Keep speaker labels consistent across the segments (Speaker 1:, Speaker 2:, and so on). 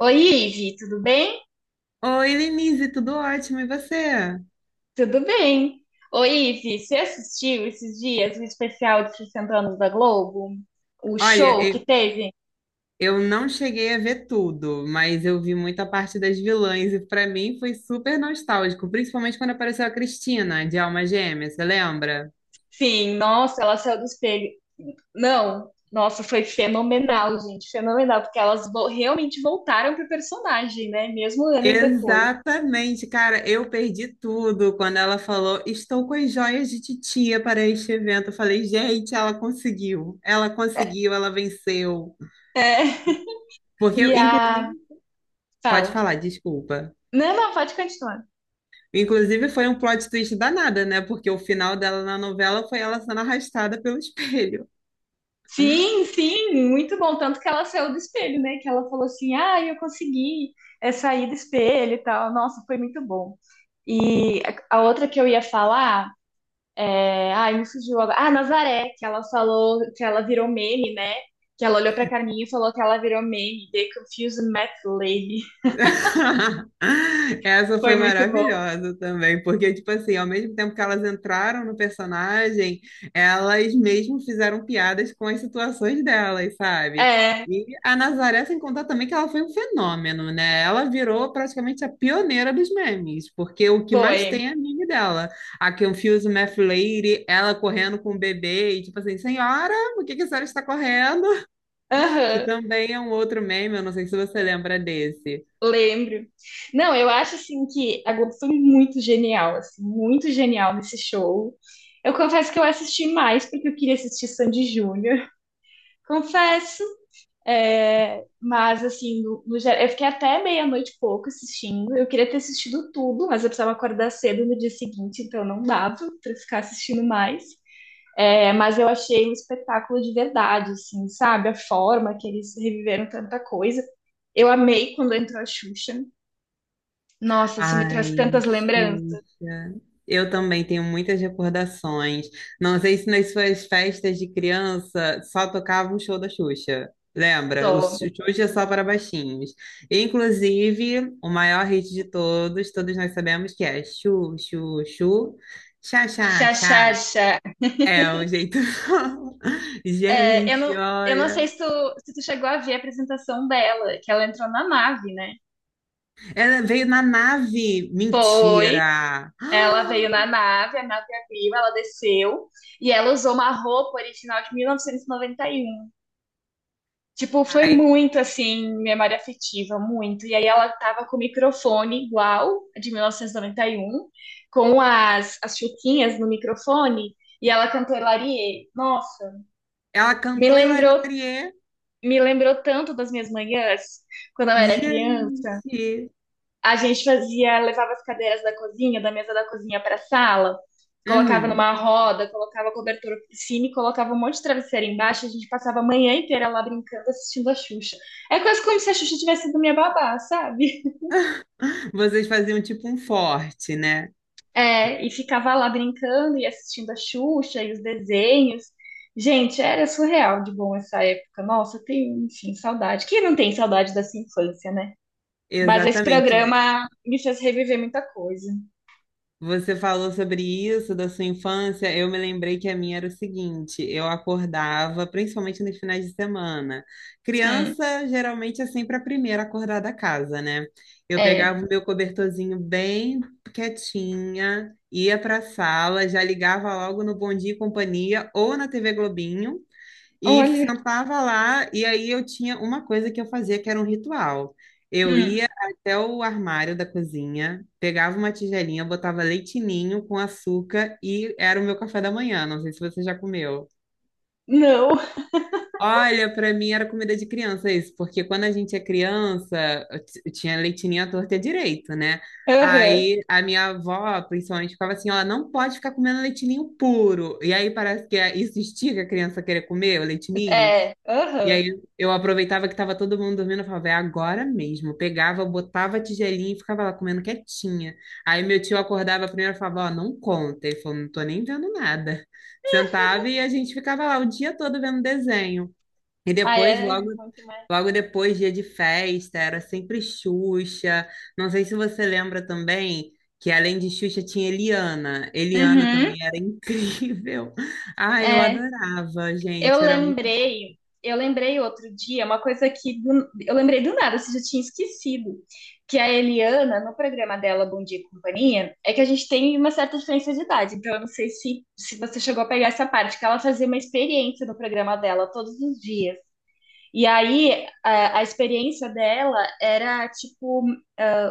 Speaker 1: Oi, Ive, tudo bem?
Speaker 2: Oi, Lenise, tudo ótimo, e você?
Speaker 1: Tudo bem. Oi, Ive, você assistiu esses dias o especial de 60 anos da Globo? O
Speaker 2: Olha,
Speaker 1: show que
Speaker 2: eu,
Speaker 1: teve?
Speaker 2: eu não cheguei a ver tudo, mas eu vi muita parte das vilãs e pra mim foi super nostálgico, principalmente quando apareceu a Cristina, de Alma Gêmea, você lembra?
Speaker 1: Sim, nossa, ela saiu do espelho. Não, nossa, foi fenomenal, gente, fenomenal, porque elas realmente voltaram pro personagem, né? Mesmo anos depois.
Speaker 2: Exatamente, cara, eu perdi tudo quando ela falou: "Estou com as joias de titia para este evento". Eu falei: "Gente, ela conseguiu. Ela conseguiu, ela venceu".
Speaker 1: É,
Speaker 2: Porque eu,
Speaker 1: e
Speaker 2: inclusive,
Speaker 1: a...
Speaker 2: Pode
Speaker 1: Fala.
Speaker 2: falar, desculpa.
Speaker 1: Não, não, pode continuar.
Speaker 2: Inclusive, foi um plot twist danada, né? Porque o final dela na novela foi ela sendo arrastada pelo espelho.
Speaker 1: Sim, sim, muito bom. Tanto que ela saiu do espelho, né? Que ela falou assim: ah, eu consegui sair do espelho e tal. Nossa, foi muito bom. E a outra que eu ia falar, ai, me fugiu agora. Ah, Nazaré, que ela falou que ela virou meme, né? Que ela olhou pra Carminha e falou que ela virou meme. The Confused Mad Lady.
Speaker 2: Essa foi
Speaker 1: Foi muito bom.
Speaker 2: maravilhosa também, porque, tipo assim, ao mesmo tempo que elas entraram no personagem, elas mesmo fizeram piadas com as situações delas, sabe?
Speaker 1: É,
Speaker 2: E a Nazaré, sem contar também que ela foi um fenômeno, né? Ela virou praticamente a pioneira dos memes, porque o que mais
Speaker 1: foi.
Speaker 2: tem é meme dela. A Confuse Math Lady, ela correndo com o bebê e, tipo assim, senhora, por que que a senhora está correndo? Que
Speaker 1: Aham.
Speaker 2: também é um outro meme, eu não sei se você lembra desse.
Speaker 1: Lembro. Não, eu acho assim que a Globo foi muito genial, assim, muito genial nesse show. Eu confesso que eu assisti mais porque eu queria assistir Sandy Júnior, confesso. É, mas assim, no geral, eu fiquei até meia-noite e pouco assistindo. Eu queria ter assistido tudo, mas eu precisava acordar cedo no dia seguinte, então não dava para ficar assistindo mais. É, mas eu achei um espetáculo de verdade, assim, sabe? A forma que eles reviveram tanta coisa. Eu amei quando entrou a Xuxa. Nossa, isso me traz
Speaker 2: Ai,
Speaker 1: tantas lembranças.
Speaker 2: Xuxa. Eu também tenho muitas recordações. Não sei se nas suas festas de criança só tocava um show da Xuxa. Lembra? O
Speaker 1: Só.
Speaker 2: Xuxa só para baixinhos. Inclusive, o maior hit de todos, todos nós sabemos que é Chu, Chu, Chu, Chá,
Speaker 1: Xa,
Speaker 2: Chá,
Speaker 1: xa,
Speaker 2: Chá.
Speaker 1: xa.
Speaker 2: É um jeito.
Speaker 1: É, eu
Speaker 2: Gente,
Speaker 1: não, eu não sei
Speaker 2: olha.
Speaker 1: se tu, se tu chegou a ver a apresentação dela, que ela entrou na nave, né?
Speaker 2: Ela veio na nave.
Speaker 1: Foi.
Speaker 2: Mentira.
Speaker 1: Ela veio na nave, a nave abriu, ela desceu e ela usou uma roupa original de 1991. Tipo, foi
Speaker 2: Ai,
Speaker 1: muito assim, memória afetiva, muito. E aí ela tava com o microfone igual a de 1991, com as chuquinhas no microfone, e ela cantou Larie. Nossa,
Speaker 2: ela
Speaker 1: me
Speaker 2: cantou Hilary.
Speaker 1: lembrou, me lembrou tanto das minhas manhãs, quando eu era criança.
Speaker 2: Gente!
Speaker 1: A gente fazia, levava as cadeiras da cozinha, da mesa da cozinha para a sala, colocava
Speaker 2: Uhum.
Speaker 1: numa roda, colocava cobertura por cima e colocava um monte de travesseiro embaixo. A gente passava a manhã inteira lá brincando, assistindo a Xuxa. É quase como se a Xuxa tivesse sido minha babá, sabe?
Speaker 2: Vocês faziam tipo um forte, né?
Speaker 1: É, e ficava lá brincando e assistindo a Xuxa e os desenhos. Gente, era surreal de bom essa época. Nossa, eu tenho, enfim, saudade. Quem não tem saudade dessa infância, né? Mas esse
Speaker 2: Exatamente.
Speaker 1: programa me fez reviver muita coisa.
Speaker 2: Você falou sobre isso da sua infância. Eu me lembrei que a minha era o seguinte: eu acordava, principalmente nos finais de semana.
Speaker 1: Hum,
Speaker 2: Criança geralmente é sempre a primeira a acordar da casa, né? Eu pegava
Speaker 1: é.
Speaker 2: o meu cobertorzinho bem quietinha, ia para a sala, já ligava logo no Bom Dia e Companhia ou na TV Globinho. E
Speaker 1: Olha.
Speaker 2: sentava lá, e aí eu tinha uma coisa que eu fazia que era um ritual. Eu
Speaker 1: Hum,
Speaker 2: ia até o armário da cozinha, pegava uma tigelinha, botava leite ninho com açúcar e era o meu café da manhã. Não sei se você já comeu.
Speaker 1: não.
Speaker 2: Olha, para mim era comida de criança isso, porque quando a gente é criança, eu tinha leite ninho à torta e à direita, né?
Speaker 1: Aham.
Speaker 2: Aí a minha avó, principalmente, ficava assim: ó, não pode ficar comendo leite ninho puro. E aí parece que isso estica a criança a querer comer o leite ninho.
Speaker 1: É.
Speaker 2: E
Speaker 1: Aham.
Speaker 2: aí eu aproveitava que tava todo mundo dormindo, eu falava, é agora mesmo. Eu pegava, botava a tigelinha e ficava lá comendo quietinha. Aí meu tio acordava primeiro e falava, ó, não conta. Ele falou, não tô nem vendo nada. Sentava e a gente ficava lá o dia todo vendo desenho. E
Speaker 1: Ah,
Speaker 2: depois,
Speaker 1: é muito mais.
Speaker 2: logo depois, dia de festa, era sempre Xuxa. Não sei se você lembra também que além de Xuxa tinha Eliana. Eliana
Speaker 1: Uhum.
Speaker 2: também era incrível. Ah, eu
Speaker 1: É.
Speaker 2: adorava,
Speaker 1: Eu
Speaker 2: gente. Era.
Speaker 1: lembrei. Eu lembrei outro dia uma coisa eu lembrei do nada, você já tinha esquecido, que a Eliana, no programa dela Bom Dia e Companhia, é que a gente tem uma certa diferença de idade, então eu não sei se você chegou a pegar essa parte, que ela fazia uma experiência no programa dela todos os dias. E aí, a experiência dela era, tipo,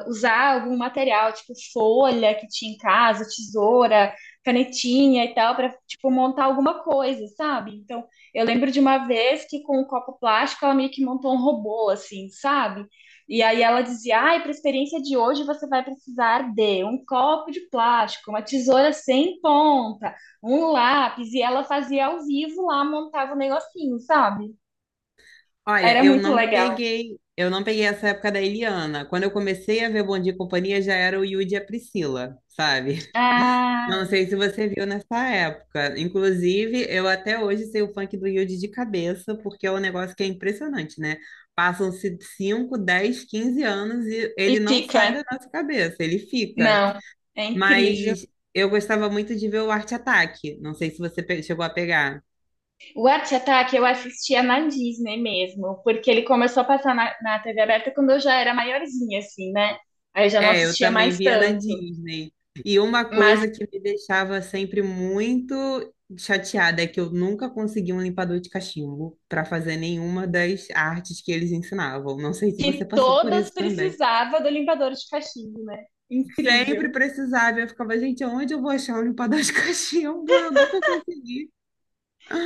Speaker 1: usar algum material, tipo, folha que tinha em casa, tesoura, canetinha e tal, para, tipo, montar alguma coisa, sabe? Então, eu lembro de uma vez que com um copo plástico ela meio que montou um robô, assim, sabe? E aí ela dizia: ai, para a experiência de hoje você vai precisar de um copo de plástico, uma tesoura sem ponta, um lápis. E ela fazia ao vivo lá, montava o negocinho, sabe?
Speaker 2: Olha,
Speaker 1: Era muito legal.
Speaker 2: eu não peguei essa época da Eliana. Quando eu comecei a ver Bom Dia e Companhia, já era o Yudi e a Priscila, sabe?
Speaker 1: Ah,
Speaker 2: Não sei se você viu nessa época. Inclusive, eu até hoje sei o funk do Yudi de cabeça, porque é um negócio que é impressionante, né? Passam-se 5, 10, 15 anos e
Speaker 1: e
Speaker 2: ele não sai
Speaker 1: fica.
Speaker 2: da nossa cabeça, ele fica.
Speaker 1: Não, é incrível.
Speaker 2: Mas eu gostava muito de ver o Arte Ataque. Não sei se você chegou a pegar.
Speaker 1: O Arte Ataque eu assistia na Disney mesmo, porque ele começou a passar na TV aberta quando eu já era maiorzinha, assim, né? Aí eu já não
Speaker 2: É, eu
Speaker 1: assistia
Speaker 2: também
Speaker 1: mais
Speaker 2: via na
Speaker 1: tanto.
Speaker 2: Disney. E uma
Speaker 1: Mas
Speaker 2: coisa que me deixava sempre muito chateada é que eu nunca consegui um limpador de cachimbo para fazer nenhuma das artes que eles ensinavam. Não sei se
Speaker 1: que
Speaker 2: você passou por
Speaker 1: todas
Speaker 2: isso também.
Speaker 1: precisava do limpador de cachimbo, né?
Speaker 2: Sempre
Speaker 1: Incrível.
Speaker 2: precisava, eu ficava, gente, onde eu vou achar um limpador de cachimbo? Eu nunca consegui.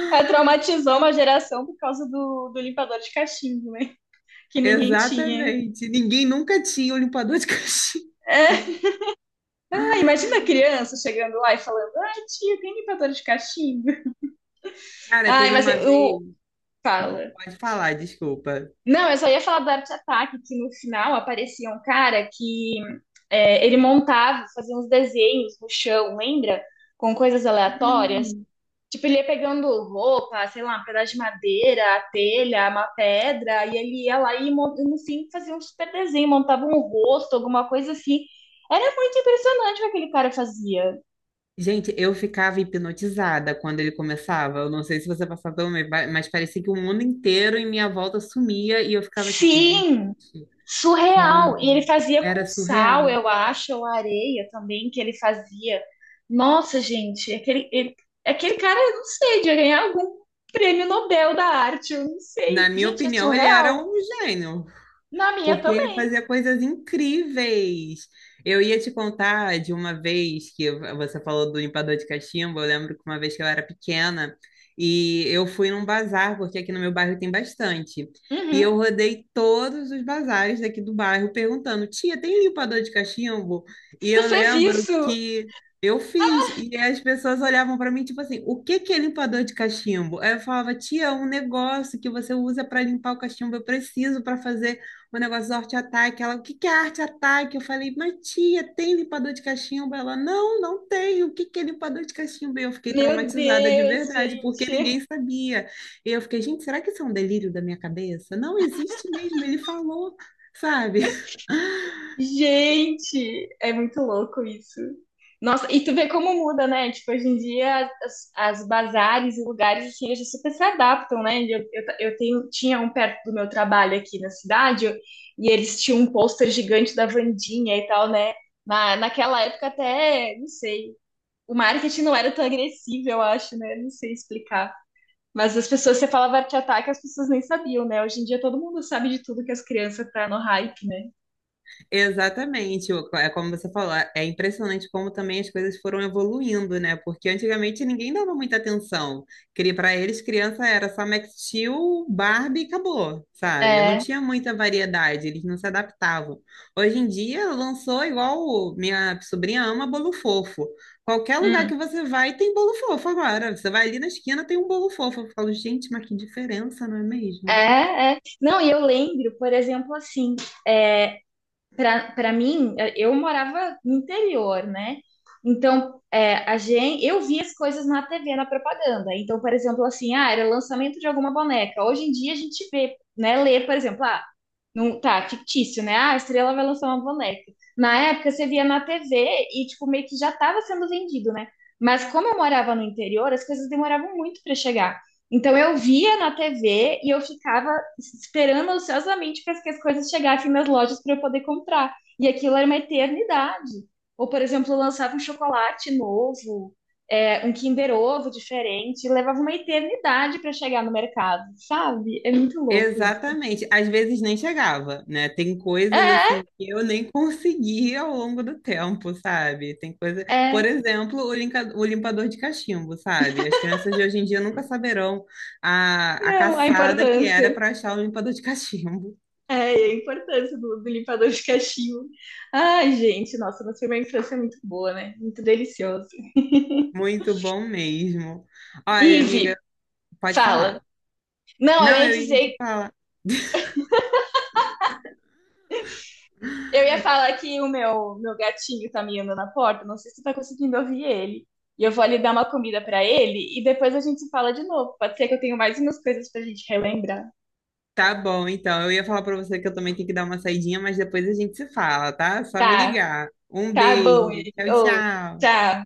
Speaker 1: Ela traumatizou uma geração por causa do limpador de cachimbo, né? Que ninguém tinha.
Speaker 2: Exatamente. Ninguém nunca tinha um limpador de cachimbo.
Speaker 1: É, ah, imagina a criança chegando lá e falando: ai, tio, tem limpador de cachimbo?
Speaker 2: Cara,
Speaker 1: Ai,
Speaker 2: teve
Speaker 1: mas
Speaker 2: uma
Speaker 1: eu.
Speaker 2: vez,
Speaker 1: Fala.
Speaker 2: pode falar, desculpa.
Speaker 1: Não, eu só ia falar do Art Attack, que no final aparecia um cara que ele montava, fazia uns desenhos no chão, lembra? Com coisas aleatórias.
Speaker 2: Hum.
Speaker 1: Tipo, ele ia pegando roupa, sei lá, um pedaço de madeira, a telha, uma pedra, e ele ia lá e no fim fazia um super desenho, montava um rosto, alguma coisa assim. Era muito impressionante o que aquele cara fazia.
Speaker 2: Gente, eu ficava hipnotizada quando ele começava. Eu não sei se você passava pelo meio, mas parecia que o mundo inteiro em minha volta sumia e eu ficava tipo, gente,
Speaker 1: Sim! Surreal! E ele
Speaker 2: como?
Speaker 1: fazia com
Speaker 2: Era
Speaker 1: sal,
Speaker 2: surreal.
Speaker 1: eu acho, ou areia também, que ele fazia. Nossa, gente, aquele cara, eu não sei, devia ganhar algum prêmio Nobel da arte, eu não
Speaker 2: Na
Speaker 1: sei.
Speaker 2: minha
Speaker 1: Gente, é
Speaker 2: opinião, ele era
Speaker 1: surreal.
Speaker 2: um gênio,
Speaker 1: Na minha
Speaker 2: porque ele
Speaker 1: também.
Speaker 2: fazia coisas incríveis. Eu ia te contar de uma vez que você falou do limpador de cachimbo. Eu lembro que uma vez que eu era pequena e eu fui num bazar, porque aqui no meu bairro tem bastante. E eu
Speaker 1: Uhum.
Speaker 2: rodei todos os bazares daqui do bairro perguntando: tia, tem limpador de cachimbo? E
Speaker 1: Tu
Speaker 2: eu
Speaker 1: fez
Speaker 2: lembro
Speaker 1: isso?
Speaker 2: que eu fiz, e as pessoas olhavam para mim, tipo assim, o que que é limpador de cachimbo? Aí eu falava, tia, é um negócio que você usa para limpar o cachimbo, eu preciso para fazer o negócio do Arte Ataque. Ela, o que que é Arte Ataque? Eu falei, mas tia, tem limpador de cachimbo? Ela, não tem. O que que é limpador de cachimbo? E eu fiquei
Speaker 1: Meu
Speaker 2: traumatizada de
Speaker 1: Deus,
Speaker 2: verdade, porque
Speaker 1: gente.
Speaker 2: ninguém sabia. E eu fiquei, gente, será que isso é um delírio da minha cabeça? Não existe mesmo, ele falou, sabe?
Speaker 1: Gente, é muito louco isso. Nossa, e tu vê como muda, né? Tipo, hoje em dia as bazares e lugares assim, eles super se adaptam, né? Eu tenho, tinha um perto do meu trabalho aqui na cidade e eles tinham um pôster gigante da Wandinha e tal, né? Naquela época até, não sei, o marketing não era tão agressivo, eu acho, né? Não sei explicar. Mas as pessoas, você falava arte ataque, as pessoas nem sabiam, né? Hoje em dia todo mundo sabe de tudo que as crianças tá no hype, né?
Speaker 2: Exatamente, é como você falou, é impressionante como também as coisas foram evoluindo, né? Porque antigamente ninguém dava muita atenção. Para eles, criança era só Max Steel, Barbie e acabou, sabe? Não
Speaker 1: É.
Speaker 2: tinha muita variedade, eles não se adaptavam. Hoje em dia, lançou igual minha sobrinha ama bolo fofo. Qualquer lugar
Speaker 1: Hum.
Speaker 2: que você vai, tem bolo fofo agora. Você vai ali na esquina, tem um bolo fofo. Eu falo, gente, mas que diferença, não é mesmo?
Speaker 1: É, é. Não, e eu lembro, por exemplo, assim, é, para mim, eu morava no interior, né? Então, é, a gente, eu via as coisas na TV, na propaganda. Então, por exemplo, assim, ah, era lançamento de alguma boneca. Hoje em dia a gente vê, né, lê, por exemplo, ah, não, tá, fictício, né? Ah, a Estrela vai lançar uma boneca. Na época você via na TV e, tipo, meio que já estava sendo vendido, né? Mas como eu morava no interior, as coisas demoravam muito para chegar. Então eu via na TV e eu ficava esperando ansiosamente para que as coisas chegassem nas lojas para eu poder comprar. E aquilo era uma eternidade. Ou, por exemplo, lançava um chocolate novo, é, um Kinder Ovo diferente, levava uma eternidade para chegar no mercado, sabe? É muito louco isso.
Speaker 2: Exatamente. Às vezes nem chegava, né? Tem coisas
Speaker 1: É,
Speaker 2: assim que eu nem consegui ao longo do tempo, sabe? Tem coisa,
Speaker 1: é,
Speaker 2: por exemplo, o limpador de cachimbo, sabe? As crianças de hoje em dia nunca saberão a
Speaker 1: não, a
Speaker 2: caçada que era
Speaker 1: importância.
Speaker 2: para achar o limpador de cachimbo.
Speaker 1: É, a importância do limpador de cachimbo. Ai, gente, nossa, mas foi uma infância muito boa, né? Muito delicioso.
Speaker 2: Muito bom mesmo. Olha,
Speaker 1: Ive,
Speaker 2: amiga, pode
Speaker 1: fala.
Speaker 2: falar.
Speaker 1: Não, eu
Speaker 2: Não,
Speaker 1: ia
Speaker 2: eu ia te
Speaker 1: dizer.
Speaker 2: falar.
Speaker 1: Eu ia falar que o meu gatinho tá miando na porta, não sei se você tá conseguindo ouvir ele. E eu vou ali dar uma comida pra ele e depois a gente se fala de novo. Pode ser que eu tenha mais umas coisas pra gente relembrar.
Speaker 2: Tá bom, então. Eu ia falar para você que eu também tenho que dar uma saidinha, mas depois a gente se fala, tá? Só me
Speaker 1: Tá,
Speaker 2: ligar. Um
Speaker 1: tá bom,
Speaker 2: beijo.
Speaker 1: ele.
Speaker 2: Tchau,
Speaker 1: Ô,
Speaker 2: tchau.
Speaker 1: tchau.